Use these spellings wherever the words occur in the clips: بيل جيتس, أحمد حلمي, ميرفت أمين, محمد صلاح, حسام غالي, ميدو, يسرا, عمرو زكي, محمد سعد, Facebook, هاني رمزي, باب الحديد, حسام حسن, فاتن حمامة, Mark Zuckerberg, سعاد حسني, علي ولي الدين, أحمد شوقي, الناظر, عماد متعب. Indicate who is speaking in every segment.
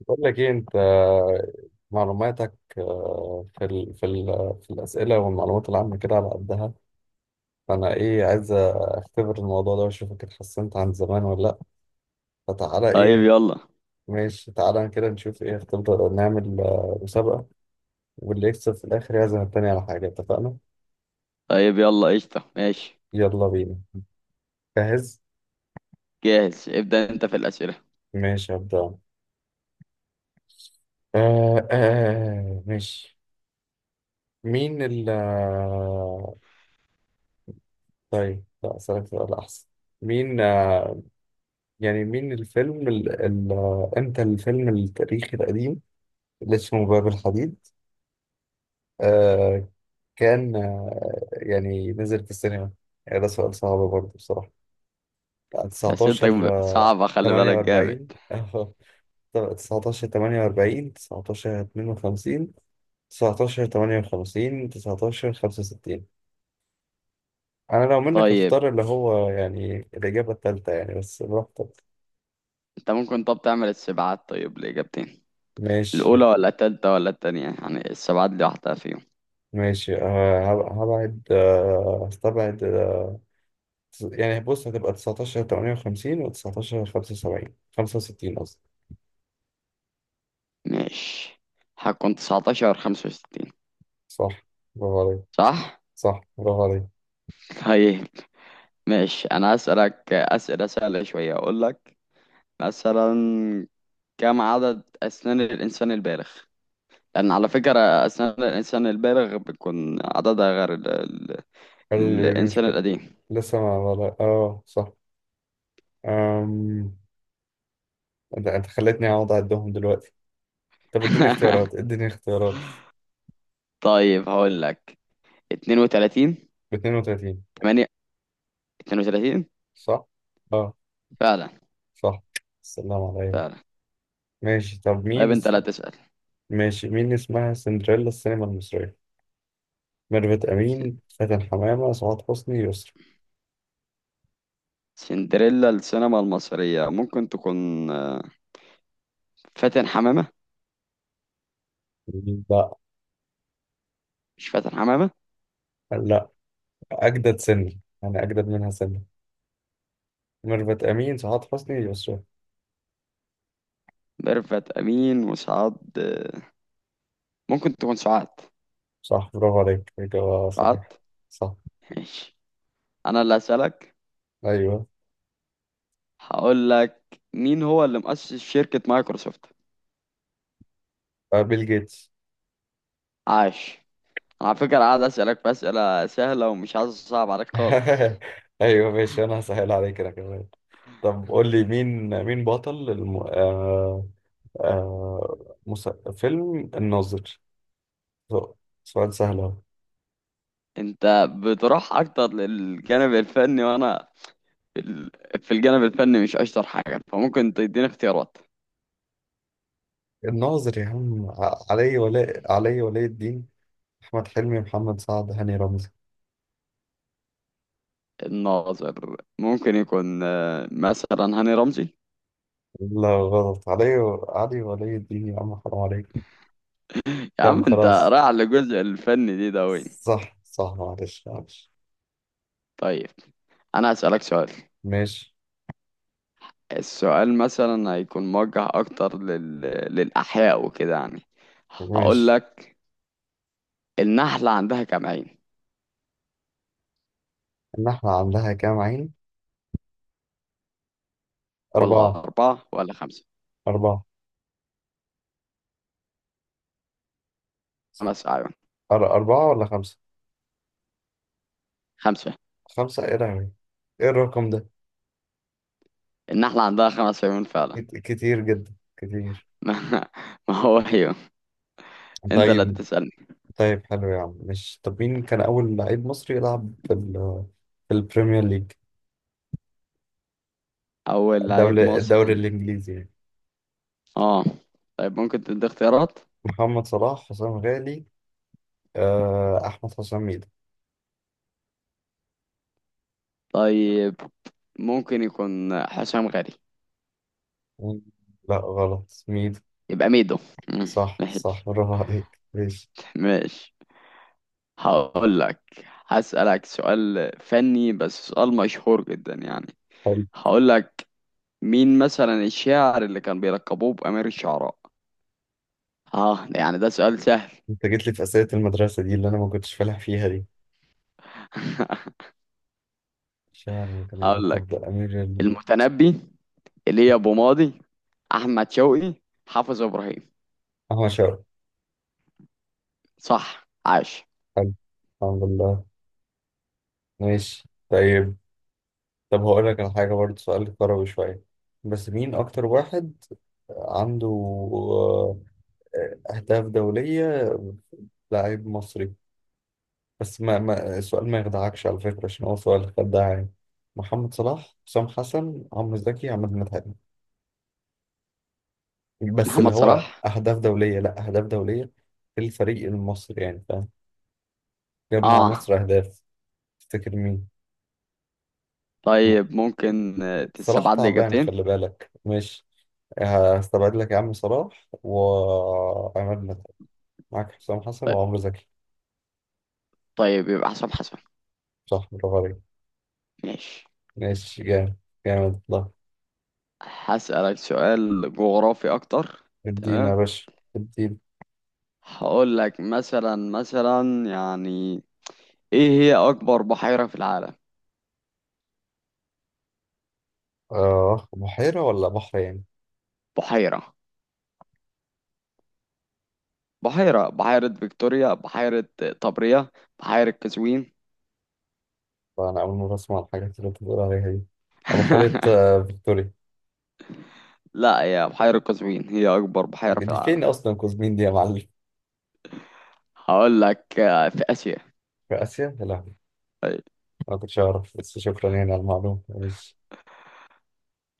Speaker 1: بقول لك ايه انت معلوماتك. في الاسئله والمعلومات العامه كده على قدها. فانا ايه عايز اختبر الموضوع ده واشوفك اتحسنت عن زمان ولا لا. فتعالى
Speaker 2: طيب
Speaker 1: ايه.
Speaker 2: يلا
Speaker 1: ماشي تعالى كده نشوف ايه اختبر. نعمل مسابقه، واللي يكسب في الاخر يعزم التاني على حاجه. اتفقنا؟
Speaker 2: طيب يلا قشطة ماشي.
Speaker 1: يلا بينا. جاهز.
Speaker 2: جاهز، ابدأ انت في الأسئلة.
Speaker 1: ماشي هبدأ. ماشي. مين ال آه، طيب لا اسالك سؤال احسن. مين آه، يعني مين الفيلم ال... ال... امتى الفيلم التاريخي القديم اللي اسمه باب الحديد، آه، كان يعني نزل في السينما؟ يعني ده سؤال صعب برضه بصراحة. 19
Speaker 2: أسئلتك صعبة خلي بالك جامد.
Speaker 1: 48. 19 48، 19 52، 19 58، 19 65؟ أنا لو منك
Speaker 2: طيب
Speaker 1: أختار اللي هو يعني الإجابة التالتة يعني، بس براحتك.
Speaker 2: انت ممكن طب تعمل السبعات طيب لإجابتين؟
Speaker 1: ماشي.
Speaker 2: الأولى ولا التالتة ولا التانية؟ يعني السبعات دي واحدة فيهم.
Speaker 1: ماشي. هبعد، هستبعد. يعني بص هتبقى 19 58 و 19 75، 65 قصدي.
Speaker 2: ماشي، هكون تسعتاشر خمسة وستين.
Speaker 1: صح. برافو عليك.
Speaker 2: صح؟
Speaker 1: صح برافو عليك.
Speaker 2: طيب ماشي، أنا هسألك أسئلة سهلة شوية. أقول لك مثلا: كم عدد أسنان الإنسان البالغ؟ لأن على فكرة أسنان الإنسان البالغ بتكون عددها غير
Speaker 1: اللي مش
Speaker 2: الإنسان
Speaker 1: بل-.
Speaker 2: القديم.
Speaker 1: لسه ما ولا، اه صح. أم... انت خلتني اقعد اعدهم دلوقتي. طب اديني اختيارات، اديني اختيارات.
Speaker 2: طيب هقول لك: 32،
Speaker 1: ب 32.
Speaker 2: 8، 32.
Speaker 1: صح. اه
Speaker 2: فعلا.
Speaker 1: صح. السلام عليكم.
Speaker 2: فعلا.
Speaker 1: ماشي. طب
Speaker 2: طيب
Speaker 1: مين
Speaker 2: أنت
Speaker 1: اس-.
Speaker 2: لا تسأل.
Speaker 1: ماشي مين اسمها سندريلا السينما المصرية؟ ميرفت
Speaker 2: س-
Speaker 1: أمين، فاتن حمامة، سعاد حسني، يسرا.
Speaker 2: سندريلا السينما المصرية ممكن تكون فاتن حمامة.
Speaker 1: لا.
Speaker 2: مش فاتن حمامة؟
Speaker 1: لا. أجدد سني، أنا أجدد منها سنة. ميرفت أمين، سعاد حسني، يسرا.
Speaker 2: ميرفت أمين وسعاد، ممكن تكون سعاد.
Speaker 1: صح برافو عليك. إجابة صحيحة.
Speaker 2: سعاد.
Speaker 1: صح.
Speaker 2: ماشي، أنا اللي هسألك.
Speaker 1: أيوه.
Speaker 2: هقول لك: مين هو اللي مؤسس شركة مايكروسوفت؟
Speaker 1: بيل جيتس.
Speaker 2: عاش. أنا على فكرة قاعد أسألك بأسئلة سهلة ومش عايز أصعب عليك خالص.
Speaker 1: أيوه ماشي، أنا هسهل عليك أنا كمان. طب قول لي مين. مين بطل الم... آه... آه... مس... فيلم الناظر؟ سؤال سهل أهو.
Speaker 2: انت بتروح اكتر للجانب الفني، وانا في ال- في الجانب الفني مش اشطر حاجه، فممكن تديني اختيارات.
Speaker 1: الناظر يا عم علي ولاء، علي ولي الدين، أحمد حلمي، محمد سعد، هاني رمزي.
Speaker 2: الناظر ممكن يكون مثلا هاني رمزي.
Speaker 1: لا غلط. علي، علي ولي الدين يا عم، حرام عليك.
Speaker 2: يا
Speaker 1: طب
Speaker 2: عم انت
Speaker 1: خلاص.
Speaker 2: رايح للجزء الفني دي، ده وين؟
Speaker 1: صح صح، معلش معلش.
Speaker 2: طيب انا هسألك سؤال.
Speaker 1: ماشي.
Speaker 2: السؤال مثلا هيكون موجه اكتر للاحياء وكده، يعني. هقول
Speaker 1: ماشي.
Speaker 2: لك: النحله عندها كام عين؟
Speaker 1: النحلة عندها كام عين؟
Speaker 2: ولا
Speaker 1: أربعة.
Speaker 2: اربعه ولا خمسه؟
Speaker 1: أربعة.
Speaker 2: خمس اعين.
Speaker 1: أربعة ولا خمسة؟
Speaker 2: خمسه.
Speaker 1: خمسة إيه لهوي. إيه الرقم ده؟
Speaker 2: النحله عندها خمس عيون فعلا.
Speaker 1: كتير جدا، كتير.
Speaker 2: ما ما هو ايوه. انت اللي
Speaker 1: طيب.
Speaker 2: هتسألني.
Speaker 1: طيب حلو يا عم. مش، طب مين كان أول لعيب مصري يلعب في ال في البريمير ليج؟
Speaker 2: اول لعيب
Speaker 1: الدولة، الدوري
Speaker 2: مصري؟
Speaker 1: الإنجليزي يعني.
Speaker 2: اه. طيب ممكن تدي اختيارات.
Speaker 1: محمد صلاح، حسام غالي، أحمد حسام ميدو.
Speaker 2: طيب ممكن يكون حسام غالي.
Speaker 1: مم. لا غلط، ميدو.
Speaker 2: يبقى ميدو. مم،
Speaker 1: صح صح
Speaker 2: ماشي.
Speaker 1: برافو عليك. ماشي.
Speaker 2: ماشي. هقول لك، هسألك سؤال فني بس سؤال مشهور جدا يعني.
Speaker 1: حلو.
Speaker 2: هقول لك: مين مثلا الشاعر اللي كان بيلقبوه بأمير الشعراء؟ اه ده يعني ده سؤال سهل.
Speaker 1: أنت جيت لي في أسئلة المدرسة دي اللي أنا ما كنتش فالح فيها دي. شاعر كان
Speaker 2: هقول
Speaker 1: يلقب
Speaker 2: لك:
Speaker 1: بأمير ال-.
Speaker 2: المتنبي، ايليا ابو ماضي، احمد شوقي، حافظ ابراهيم.
Speaker 1: أحمد شوقي.
Speaker 2: صح عاش.
Speaker 1: حلو. الحمد لله. ماشي. طيب. طب هقول لك على حاجة برضه، سؤال كروي شوية. بس مين أكتر واحد عنده أهداف دولية، لاعب مصري؟ بس ما السؤال ما يخدعكش على فكرة، عشان هو سؤال خداع يعني. محمد صلاح، حسام حسن، عمرو زكي، عماد متعب. بس اللي
Speaker 2: محمد
Speaker 1: هو
Speaker 2: صلاح.
Speaker 1: أهداف دولية، لا أهداف دولية في الفريق المصري يعني، فاهم؟ جاب مع
Speaker 2: اه.
Speaker 1: مصر أهداف. تفتكر مين؟ م-
Speaker 2: طيب ممكن
Speaker 1: صلاح
Speaker 2: تستبعد لي
Speaker 1: تعبان
Speaker 2: اجابتين؟
Speaker 1: خلي بالك، مش. هستبعد لك يا عم صلاح وعماد متعب. معاك حسام حسن
Speaker 2: طيب.
Speaker 1: وعمرو زكي.
Speaker 2: طيب يبقى حسام حسن.
Speaker 1: صح برافو عليك.
Speaker 2: ماشي.
Speaker 1: ماشي جامد. جامد والله.
Speaker 2: هسألك سؤال جغرافي اكتر.
Speaker 1: ادينا يا
Speaker 2: تمام.
Speaker 1: باشا. ادينا.
Speaker 2: هقول لك مثلا، يعني، ايه هي اكبر بحيرة في العالم؟
Speaker 1: آه، بحيرة ولا بحر يعني؟
Speaker 2: بحيرة. بحيرة فيكتوريا، بحيرة طبرية، بحيرة قزوين.
Speaker 1: فأنا أول مرة أسمع الحاجات اللي أنت بتقول عليها دي. أبحيرة فيكتوريا.
Speaker 2: لا، هي بحيرة قزوين هي اكبر بحيرة في
Speaker 1: دي
Speaker 2: العالم.
Speaker 1: فين أصلا كوزمين دي يا معلم؟
Speaker 2: هقول لك في اسيا.
Speaker 1: في آسيا؟ يا لهوي. ما كنتش أعرف، بس شكرا يعني على المعلومة. ماشي.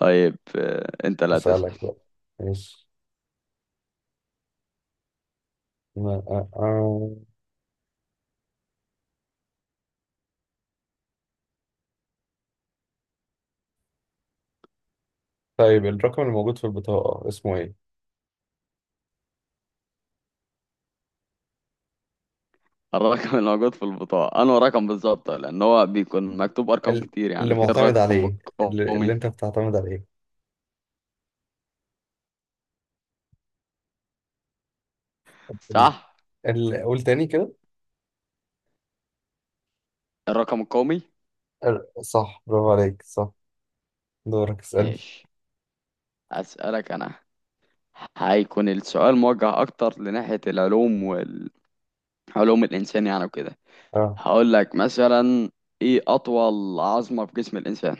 Speaker 2: طيب انت لا تسأل.
Speaker 1: أسألك بقى. ماشي. ما- آه، آه. طيب الرقم اللي موجود في البطاقة اسمه إيه؟
Speaker 2: الرقم اللي موجود في البطاقة، انه رقم بالظبط، لان هو بيكون مكتوب ارقام
Speaker 1: ال-.
Speaker 2: كتير
Speaker 1: اللي
Speaker 2: يعني. في
Speaker 1: معتمد
Speaker 2: الرقم
Speaker 1: عليه. اللي
Speaker 2: القومي.
Speaker 1: أنت بتعتمد عليه. ال-.
Speaker 2: صح،
Speaker 1: ال- قول تاني كده.
Speaker 2: الرقم القومي.
Speaker 1: ال- صح برافو عليك. صح. دورك اسألني.
Speaker 2: ماشي، اسألك انا. هيكون السؤال موجه اكتر لناحية العلوم، والعلوم الانسان يعني، وكده.
Speaker 1: أه.
Speaker 2: هقول لك مثلا: ايه اطول عظمة في جسم الانسان؟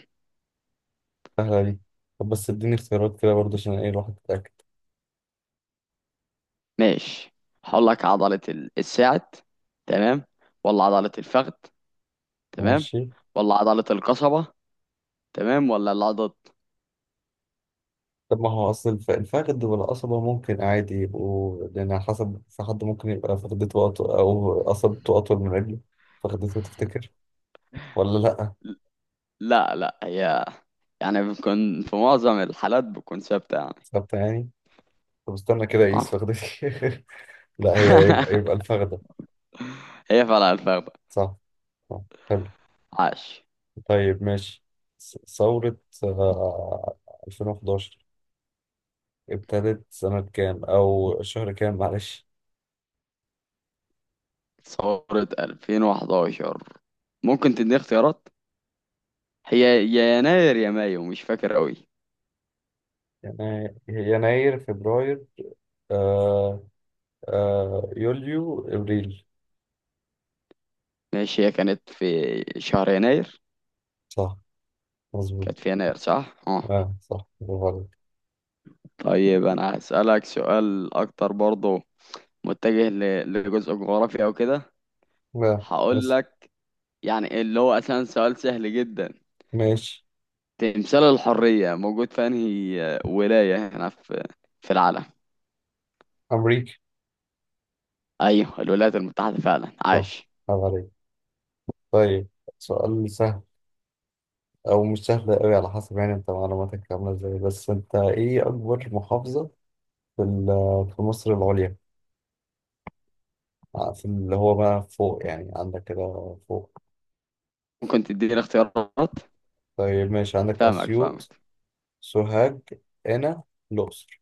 Speaker 1: سهلة دي. طب بس اديني اختيارات كده برضه عشان إيه الواحد يتأكد.
Speaker 2: ماشي، هقول لك: عضلة الساعد، تمام، ولا عضلة الفخذ، تمام،
Speaker 1: ماشي.
Speaker 2: ولا عضلة القصبة، تمام، ولا العضد.
Speaker 1: طب ما هو أصل الفخذ والقصبة ممكن عادي يبقوا، لأن على حسب، في حد ممكن يبقى فخدته أطول أو قصبته أطول من رجله. فخدته تفتكر ولا لأ؟
Speaker 2: لا لا، هي يعني بتكون في معظم الحالات بتكون ثابتة يعني.
Speaker 1: ثابتة يعني. طب استنى كده أقيس
Speaker 2: اه.
Speaker 1: فخدتي. لأ هي يبقى الفخدة.
Speaker 2: هي فعلا الفخدة.
Speaker 1: صح. صح. حلو.
Speaker 2: عاش.
Speaker 1: طيب ماشي. ثورة آه، 2011 ابتدت سنة كام أو شهر كام، معلش؟
Speaker 2: ثورة 2011 ممكن تديني اختيارات؟ هي يا يناير يا مايو مش فاكر قوي.
Speaker 1: يناير يناير، فبراير، آه آه يوليو، إبريل.
Speaker 2: ماشي، هي كانت في شهر يناير.
Speaker 1: صح. مظبوط.
Speaker 2: كانت في يناير، صح اه.
Speaker 1: اه صح برافو عليك.
Speaker 2: طيب انا هسألك سؤال اكتر برضه متجه لجزء جغرافي او كده.
Speaker 1: لا،
Speaker 2: هقول
Speaker 1: بس
Speaker 2: لك، يعني اللي هو اصلا سؤال سهل جدا:
Speaker 1: ماشي.
Speaker 2: تمثال الحرية موجود في انهي ولاية هنا، في في العالم؟
Speaker 1: أمريكا.
Speaker 2: ايوه الولايات المتحدة، فعلا
Speaker 1: صح.
Speaker 2: عايش.
Speaker 1: برافو عليك. طيب. سؤال سهل، أو مش سهل أوي على حسب يعني أنت معلوماتك عاملة إزاي. بس أنت إيه أكبر محافظة في ال- في مصر العليا، في اللي هو بقى فوق، يعني عندك كده فوق؟
Speaker 2: ممكن تديني اختيارات.
Speaker 1: طيب ماشي، عندك
Speaker 2: فاهمك، فاهمك.
Speaker 1: أسيوط، سوهاج، قنا، الأقصر.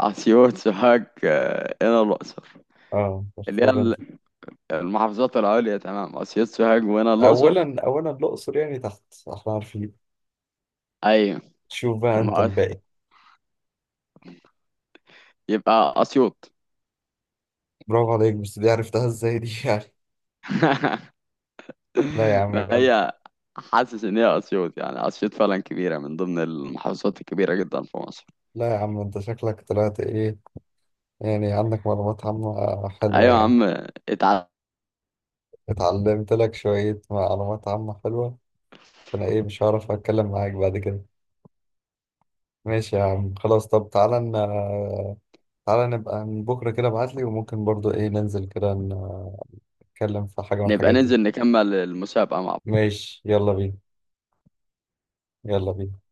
Speaker 2: اسيوط، سوهاج، هنا الاقصر.
Speaker 1: اه
Speaker 2: اللي هي
Speaker 1: اختار أنت.
Speaker 2: المحافظات العليا، تمام، اسيوط سوهاج وهنا الاقصر.
Speaker 1: أولا الأقصر يعني تحت، احنا عارفين.
Speaker 2: ايوه.
Speaker 1: شوف بقى
Speaker 2: طب
Speaker 1: أنت
Speaker 2: ما
Speaker 1: الباقي.
Speaker 2: يبقى اسيوط.
Speaker 1: برافو عليك، بس دي عرفتها إزاي دي؟ لا يا عم،
Speaker 2: ما
Speaker 1: يبقى انت.
Speaker 2: هي، حاسس ان هي اسيوط، يعني اسيوط فعلا كبيرة من ضمن المحافظات الكبيرة جدا في مصر.
Speaker 1: لا يا عم انت شكلك طلعت ايه، يعني عندك معلومات عامة
Speaker 2: ايوه
Speaker 1: حلوة
Speaker 2: يا
Speaker 1: يعني.
Speaker 2: عم، اتعلم.
Speaker 1: اتعلمت لك شوية معلومات عامة حلوة. فانا ايه مش هعرف اتكلم معاك بعد كده. ماشي يا عم خلاص. طب تعالى تعالى نبقى من بكرة كده ابعتلي، وممكن برضو ايه ننزل كده نتكلم في حاجة من
Speaker 2: نبقى
Speaker 1: الحاجات دي.
Speaker 2: ننزل نكمل المسابقة مع بعض.
Speaker 1: ماشي يلا بينا. يلا بينا.